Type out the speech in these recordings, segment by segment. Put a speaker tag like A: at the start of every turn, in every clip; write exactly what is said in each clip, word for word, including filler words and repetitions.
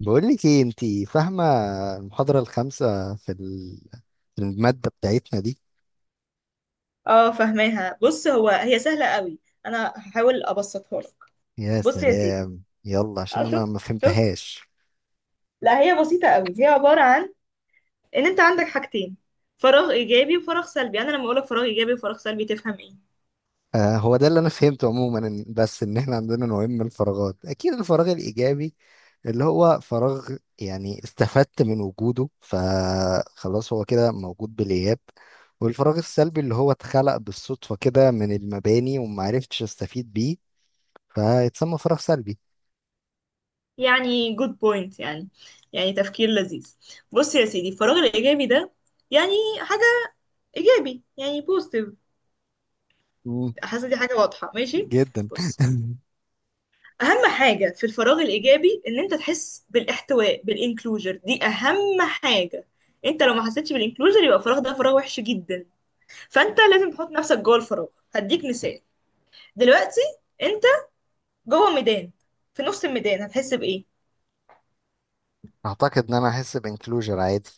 A: بقول لك ايه انت؟ فاهمه المحاضره الخامسه في ال- في الماده بتاعتنا دي؟
B: اه فهماها. بص، هو هي سهلة قوي، انا هحاول ابسطها لك.
A: يا
B: بص يا سيدي،
A: سلام، يلا
B: اه
A: عشان
B: شوف
A: انا ما
B: شوف.
A: فهمتهاش.
B: لا، هي بسيطة قوي، هي عبارة عن ان انت عندك حاجتين، فراغ ايجابي وفراغ سلبي. يعني انا لما اقولك فراغ ايجابي وفراغ سلبي تفهم ايه؟
A: آه، هو ده اللي انا فهمته عموما. إن- بس ان احنا عندنا نوعين من الفراغات. اكيد الفراغ الايجابي اللي هو فراغ، يعني استفدت من وجوده فخلاص هو كده موجود بالاياب. والفراغ السلبي اللي هو اتخلق بالصدفه كده من المباني وما عرفتش استفيد بيه، فيتسمى فراغ سلبي.
B: يعني جود بوينت، يعني يعني تفكير لذيذ. بص يا سيدي، الفراغ الايجابي ده يعني حاجة ايجابي، يعني بوزيتيف.
A: مم،
B: حاسة دي حاجة واضحة، ماشي.
A: جدا.
B: بص، اهم حاجه في الفراغ الايجابي ان انت تحس بالاحتواء، بالانكلوجر، دي اهم حاجه. انت لو ما حسيتش بالانكلوجر يبقى الفراغ ده فراغ وحش جدا، فانت لازم تحط نفسك جوه الفراغ. هديك مثال، دلوقتي انت جوه ميدان، في نص الميدان هتحس بايه؟
A: اعتقد ان انا هحس بانكلوجر عادي.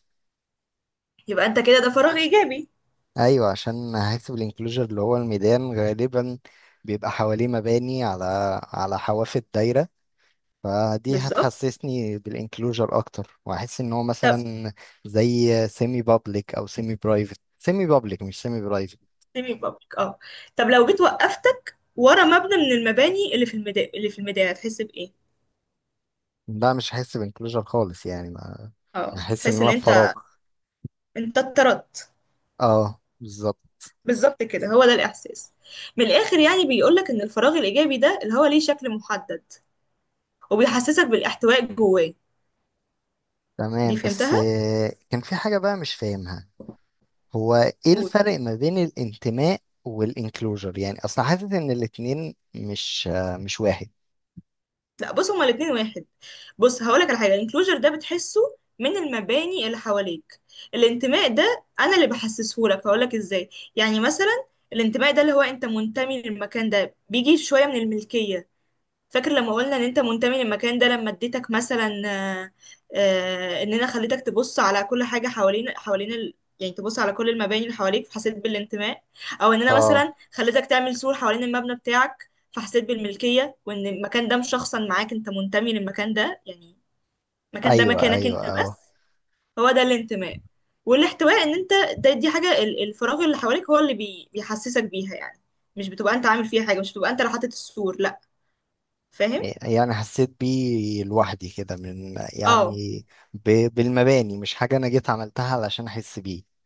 B: يبقى انت كده ده فراغ ايجابي.
A: ايوه، عشان هحس بالانكلوجر، اللي هو الميدان غالبا بيبقى حواليه مباني على على حواف الدايره. فدي
B: بالظبط.
A: هتحسسني بالانكلوجر اكتر، وهحس ان هو
B: طب
A: مثلا زي سيمي بابليك او سيمي برايفت. سيمي بابليك، مش سيمي برايفت.
B: سيمي بابليك، اه. طب لو جيت وقفتك ورا مبنى من المباني اللي في الميدان، اللي في الميدان هتحس بايه؟
A: لا، مش هحس بانكلوجر خالص، يعني ما.
B: اه،
A: هحس ان
B: تحس ان
A: انا في فراغ.
B: انت انت اتطردت.
A: اه، بالظبط.
B: بالظبط كده، هو ده الإحساس. من الآخر يعني بيقولك إن الفراغ الإيجابي ده اللي هو ليه شكل محدد وبيحسسك بالاحتواء جواه. دي
A: تمام، بس
B: فهمتها؟
A: آه، كان في حاجه بقى مش فاهمها. هو ايه
B: قول.
A: الفرق ما بين الانتماء والانكلوجر؟ يعني اصلا حاسس ان الاتنين مش مش واحد.
B: لا، بص، هما الاتنين واحد. بص، هقولك على حاجة، الانكلوجر ده بتحسه من المباني اللي حواليك. الانتماء ده أنا اللي بحسسهولك، هقولك إزاي. يعني مثلا الانتماء ده اللي هو أنت منتمي للمكان ده بيجي شوية من الملكية. فاكر لما قلنا ان انت منتمي للمكان ده لما اديتك مثلا، آه، آه، ان انا خليتك تبص على كل حاجه، حوالين حوالين ال... يعني تبص على كل المباني اللي حواليك، فحسيت بالانتماء. او ان انا
A: اه.
B: مثلا خليتك تعمل سور حوالين المبنى بتاعك، فحسيت بالملكيه، وان المكان ده مشخصا معاك، انت منتمي للمكان ده يعني. المكان ده
A: ايوه،
B: مكانك
A: ايوه،
B: انت بس،
A: اه.
B: هو ده الانتماء. والاحتواء ان انت، ده دي حاجه ال- الفراغ اللي حواليك هو اللي بي... بيحسسك بيها يعني، مش بتبقى انت عامل فيها حاجه، مش بتبقى انت اللي حاطط السور، لا، فاهم.
A: يعني حسيت بيه لوحدي كده من
B: اه
A: يعني، ب- بالمباني، مش حاجة انا جيت عملتها علشان احس بيه.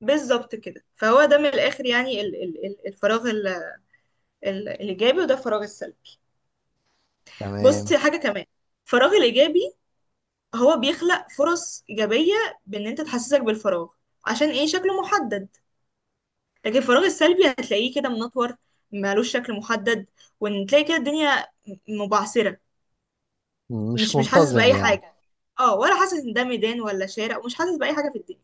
B: بالظبط كده، فهو ده من الاخر يعني، ال ال ال- الفراغ ال ال الايجابي، وده الفراغ السلبي. بص
A: تمام.
B: حاجه كمان، الفراغ الايجابي هو بيخلق فرص ايجابيه، بان انت تحسسك بالفراغ، عشان ايه؟ شكله محدد. لكن الفراغ السلبي هتلاقيه كده منطور، مالوش شكل محدد، وان تلاقي كده الدنيا م- مبعثره،
A: مش
B: مش مش حاسس
A: منتظم
B: باي
A: يعني.
B: حاجه، اه، ولا حاسس ان ده ميدان ولا شارع، ومش حاسس باي حاجه في الدنيا.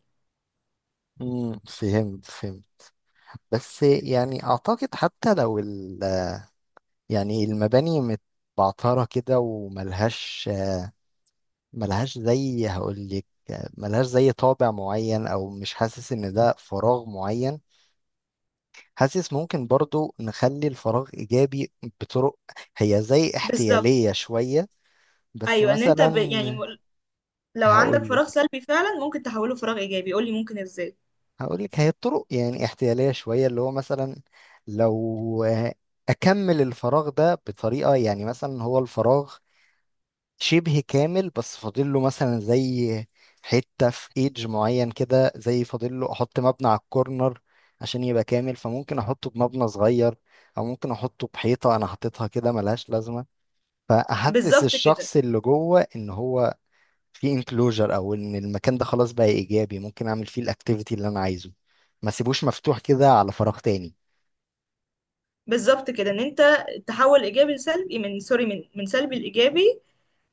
A: امم فهمت، فهمت. بس يعني اعتقد حتى لو ال، يعني المباني متبعترة كده وملهاش، ملهاش زي هقولك، ملهاش زي طابع معين، او مش حاسس ان ده فراغ معين. حاسس ممكن برضو نخلي الفراغ ايجابي بطرق، هي زي
B: بالظبط.
A: احتيالية شوية، بس
B: ايوه، ان انت
A: مثلا
B: ب... يعني لو عندك فراغ
A: هقولك
B: سلبي فعلا ممكن تحوله فراغ ايجابي، قولي ممكن ازاي.
A: هقولك هي الطرق يعني احتيالية شوية، اللي هو مثلا لو آه، اكمل الفراغ ده بطريقة، يعني مثلا هو الفراغ شبه كامل، بس فاضل له مثلا زي حتة في ايدج معين كده، زي فاضل له احط مبنى على الكورنر عشان يبقى كامل، فممكن احطه بمبنى صغير، او ممكن احطه بحيطة انا حاططها كده ملهاش لازمة، فاحسس
B: بالظبط كده.
A: الشخص اللي جوه ان هو في انكلوجر، او ان المكان ده خلاص بقى ايجابي، ممكن اعمل فيه الاكتيفيتي اللي انا عايزه، ما سيبوش مفتوح كده على فراغ تاني.
B: بالظبط كده، ان انت تحول ايجابي لسلبي، من سوري، من من سلبي لايجابي،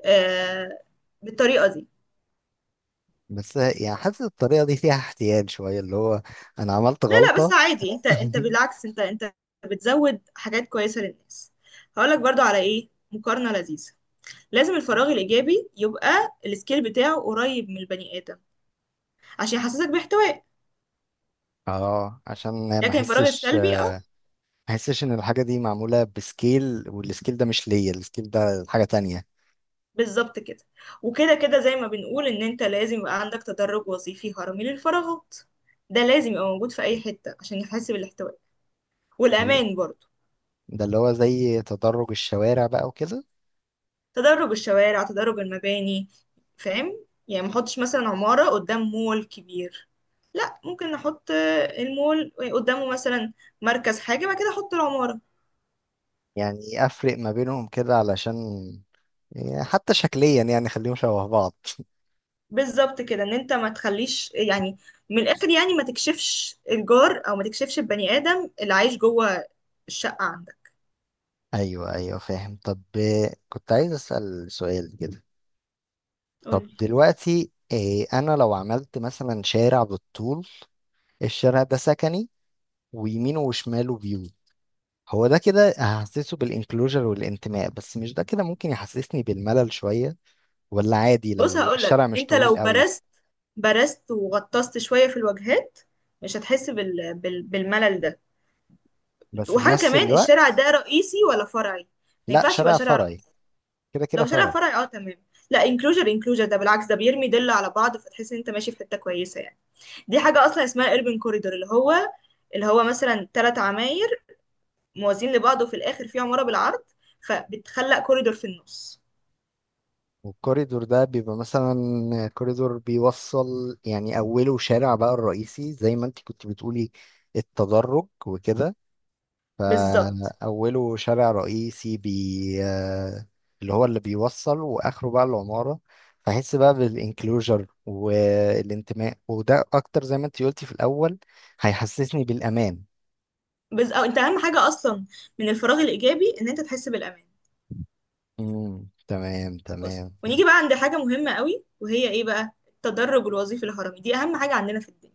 B: آه، بالطريقه دي.
A: بس يعني حاسس الطريقة دي فيها احتيال شوية، اللي هو انا عملت
B: لا لا، بس
A: غلطة.
B: عادي، انت انت، بالعكس، انت انت بتزود حاجات كويسه للناس. هقولك برضو على ايه مقارنه لذيذه. لازم الفراغ الايجابي يبقى السكيل بتاعه قريب من البني ادم، عشان يحسسك باحتواء.
A: اه، عشان ما
B: لكن الفراغ
A: احسش ما
B: السلبي، اه.
A: احسش ان الحاجه دي معموله بسكيل، والسكيل ده مش ليا، السكيل ده حاجه تانية.
B: بالظبط كده. وكده كده زي ما بنقول ان انت لازم يبقى عندك تدرج وظيفي هرمي للفراغات، ده لازم يبقى موجود في اي حتة عشان يحاسب الاحتواء والامان برضو.
A: ده اللي هو زي تدرج الشوارع بقى وكده.
B: تدرج الشوارع، تدرج المباني، فاهم؟ يعني ما احطش مثلا عمارة قدام مول كبير، لا، ممكن نحط المول قدامه، مثلا مركز حاجة، بعد كده احط العمارة.
A: يعني افرق ما بينهم كده، علشان يعني حتى شكليا يعني خليهم شبه بعض.
B: بالظبط كده، ان انت ما تخليش يعني، من الاخر يعني، ما تكشفش الجار، او ما تكشفش البني ادم اللي عايش جوه الشقة عندك.
A: ايوه، ايوه، فاهم. طب آه، كنت عايز اسال سؤال كده. طب
B: قولي.
A: دلوقتي آه، انا لو عملت مثلا شارع بالطول، الشارع ده سكني، ويمينه وشماله هو ده كده هحسسه بالانكلوجر والانتماء، بس مش ده كده ممكن يحسسني بالملل شوية؟ ولا عادي
B: بص
A: لو
B: هقولك،
A: الشارع مش
B: انت لو
A: طويل قوي؟
B: برست برست وغطست شوية في الوجهات مش هتحس بال... بال... بالملل ده.
A: بس في
B: وحاجة
A: نفس
B: كمان، الشارع
A: الوقت.
B: ده رئيسي ولا فرعي؟ ما
A: لا،
B: ينفعش يبقى
A: شارع
B: شارع
A: فرعي.
B: رئيسي.
A: كده كده
B: لو شارع
A: فرعي.
B: فرعي اه تمام. لا، انكلوجر، انكلوجر ده بالعكس، ده بيرمي دل على بعض، فتحس ان انت ماشي في حتة كويسة يعني. دي حاجة اصلا اسمها اربن كوريدور، اللي هو، اللي هو مثلا ثلاث عماير موازين لبعض، وفي الاخر في عمارة بالعرض، فبتخلق كوريدور في النص.
A: والكوريدور ده بيبقى مثلا كوريدور بيوصل، يعني أوله شارع بقى الرئيسي، زي ما انت كنت بتقولي التدرج وكده.
B: بالظبط.
A: فأوله شارع رئيسي، بي آه، اللي هو اللي بيوصل، وآخره بقى العمارة. فأحس بقى بالإنكلوجر والانتماء، وده أكتر زي ما أنت قلتي في الأول، هيحسسني بالأمان.
B: بز... أو انت اهم حاجة اصلا من الفراغ الايجابي ان انت تحس بالامان.
A: امم تمام،
B: بص،
A: تمام،
B: ونيجي
A: فهمت.
B: بقى عند حاجة مهمة قوي، وهي ايه بقى؟ التدرج الوظيفي الهرمي، دي اهم حاجة عندنا في الدنيا.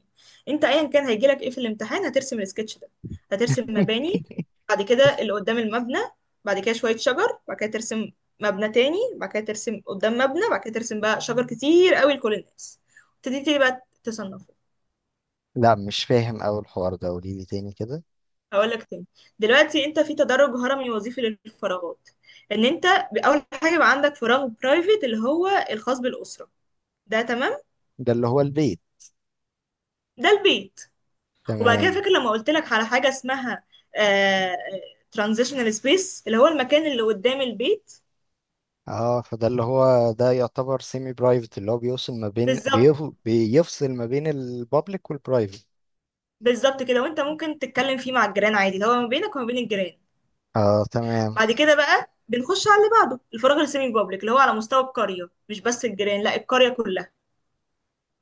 B: انت ايا كان هيجيلك ايه في الامتحان هترسم السكتش ده. هترسم مباني، بعد كده اللي قدام المبنى، بعد كده شوية شجر، بعد كده ترسم مبنى تاني، بعد كده ترسم قدام مبنى، بعد كده ترسم بقى شجر كتير قوي لكل الناس. تبتدي تبتدي بقى تصنفه.
A: لا، مش فاهم أوي الحوار ده، قوليلي تاني كده.
B: هقول لك تاني. دلوقتي انت في تدرج هرمي وظيفي للفراغات، ان انت اول حاجه بقى عندك فراغ برايفت اللي هو الخاص بالاسره، ده تمام.
A: ده اللي هو البيت.
B: ده البيت. وبعد كده
A: تمام.
B: فاكر لما قلت لك على حاجه اسمها ترانزيشنال سبيس، اللي هو المكان اللي قدام البيت.
A: اه، فده اللي هو ده يعتبر سيمي برايفت، اللي هو بيوصل ما بين
B: بالظبط.
A: بيف... بيفصل ما بين البابليك والبرايفت.
B: بالظبط كده، وانت ممكن تتكلم فيه مع الجيران عادي، اللي هو ما بينك وما بين الجيران.
A: اه، تمام.
B: بعد كده بقى بنخش على اللي بعده، الفراغ السيمي بابليك، اللي هو على مستوى القريه، مش بس الجيران، لا، القريه كلها.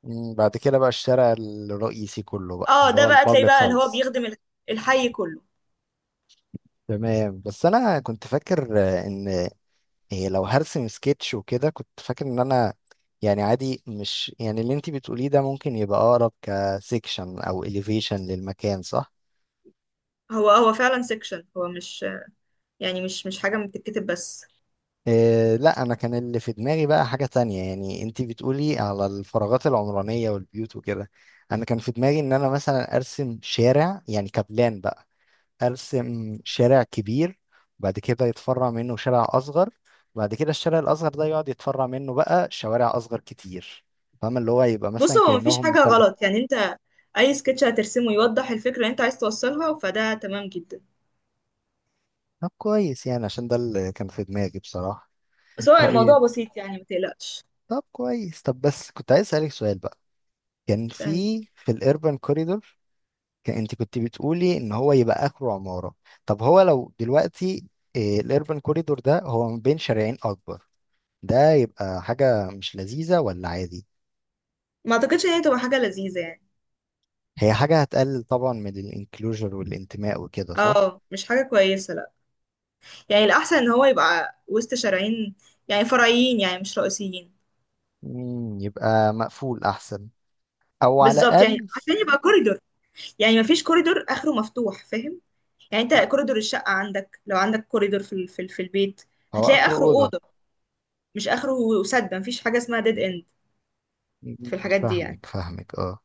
A: مم، بعد كده بقى الشارع الرئيسي كله بقى
B: اه،
A: اللي
B: ده
A: هو
B: بقى تلاقي
A: البابليك
B: بقى اللي هو
A: خالص.
B: بيخدم الح- الحي كله.
A: تمام، بس انا كنت فاكر آه، ان إيه، لو هرسم سكتش وكده كنت فاكر ان انا يعني عادي، مش يعني اللي انتي بتقوليه ده ممكن يبقى اقرب كسيكشن او اليفيشن للمكان، صح؟
B: هو هو فعلا سيكشن، هو مش يعني، مش مش حاجه بتتكتب بس.
A: إيه، لا، انا كان اللي في دماغي بقى حاجة تانية. يعني انتي بتقولي على الفراغات العمرانية والبيوت وكده، انا كان في دماغي ان انا مثلا ارسم شارع، يعني كبلان بقى، ارسم شارع كبير، بعد كده يتفرع منه شارع اصغر، بعد كده الشارع الاصغر ده يقعد يتفرع منه بقى شوارع اصغر كتير. فاهم، اللي هو يبقى
B: بص
A: مثلا
B: هو مفيش
A: كانهم
B: حاجه
A: تلت.
B: غلط يعني، انت اي سكتش هترسمه يوضح الفكره اللي انت عايز توصلها فده تمام جدا.
A: طب كويس، يعني عشان ده اللي كان في دماغي بصراحة.
B: بس هو الموضوع
A: طيب.
B: بسيط يعني ما تقلقش.
A: طب كويس، طب بس كنت عايز اسالك سؤال بقى. كان
B: فاهم.
A: في في الاربن كوريدور، كان انت كنت بتقولي ان هو يبقى اخره عمارة. طب هو لو دلوقتي الاربن كوريدور ده هو ما بين شارعين اكبر، ده يبقى حاجة مش لذيذة، ولا عادي؟
B: ما اعتقدش ان هي تبقى حاجه لذيذه يعني.
A: هي حاجة هتقلل طبعا من الانكلوجر والانتماء وكده، صح؟
B: اه مش حاجه كويسه، لا. يعني الاحسن ان هو يبقى وسط شارعين، يعني فرعيين، يعني مش رئيسيين.
A: مم، يبقى مقفول أحسن. أو على
B: بالظبط، يعني
A: الأقل،
B: عشان يبقى كوريدور، يعني ما فيش كوريدور اخره مفتوح، فاهم؟ يعني انت كوريدور الشقه عندك، لو عندك كوريدور في ال- في ال- في البيت،
A: هو
B: هتلاقي
A: آخر
B: اخره
A: أوضة.
B: اوضه، مش اخره سد، ما فيش حاجه اسمها ديد اند
A: مم،
B: في الحاجات دي يعني.
A: فاهمك، فاهمك، اه.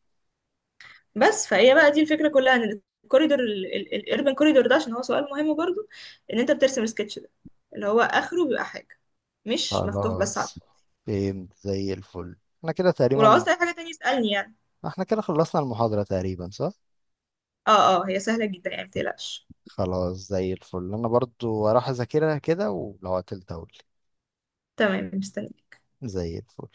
B: بس فهي بقى دي الفكرة كلها، ان الكوريدور الاربن كوريدور ده، عشان هو سؤال مهم برضو، ان انت بترسم السكتش ده اللي هو اخره بيبقى حاجة مش مفتوح بس على
A: خلاص،
B: الفاضي.
A: فهمت زي الفل، احنا كده
B: ولو
A: تقريبا.
B: عاوزت اي حاجة تانية اسألني يعني.
A: احنا كده خلصنا المحاضرة تقريبا، صح؟
B: اه اه، هي سهلة جدا يعني متقلقش.
A: خلاص، زي الفل، أنا برضو هروح أذاكرها كده، ولو عطلت أقول.
B: تمام، مستني.
A: زي الفل.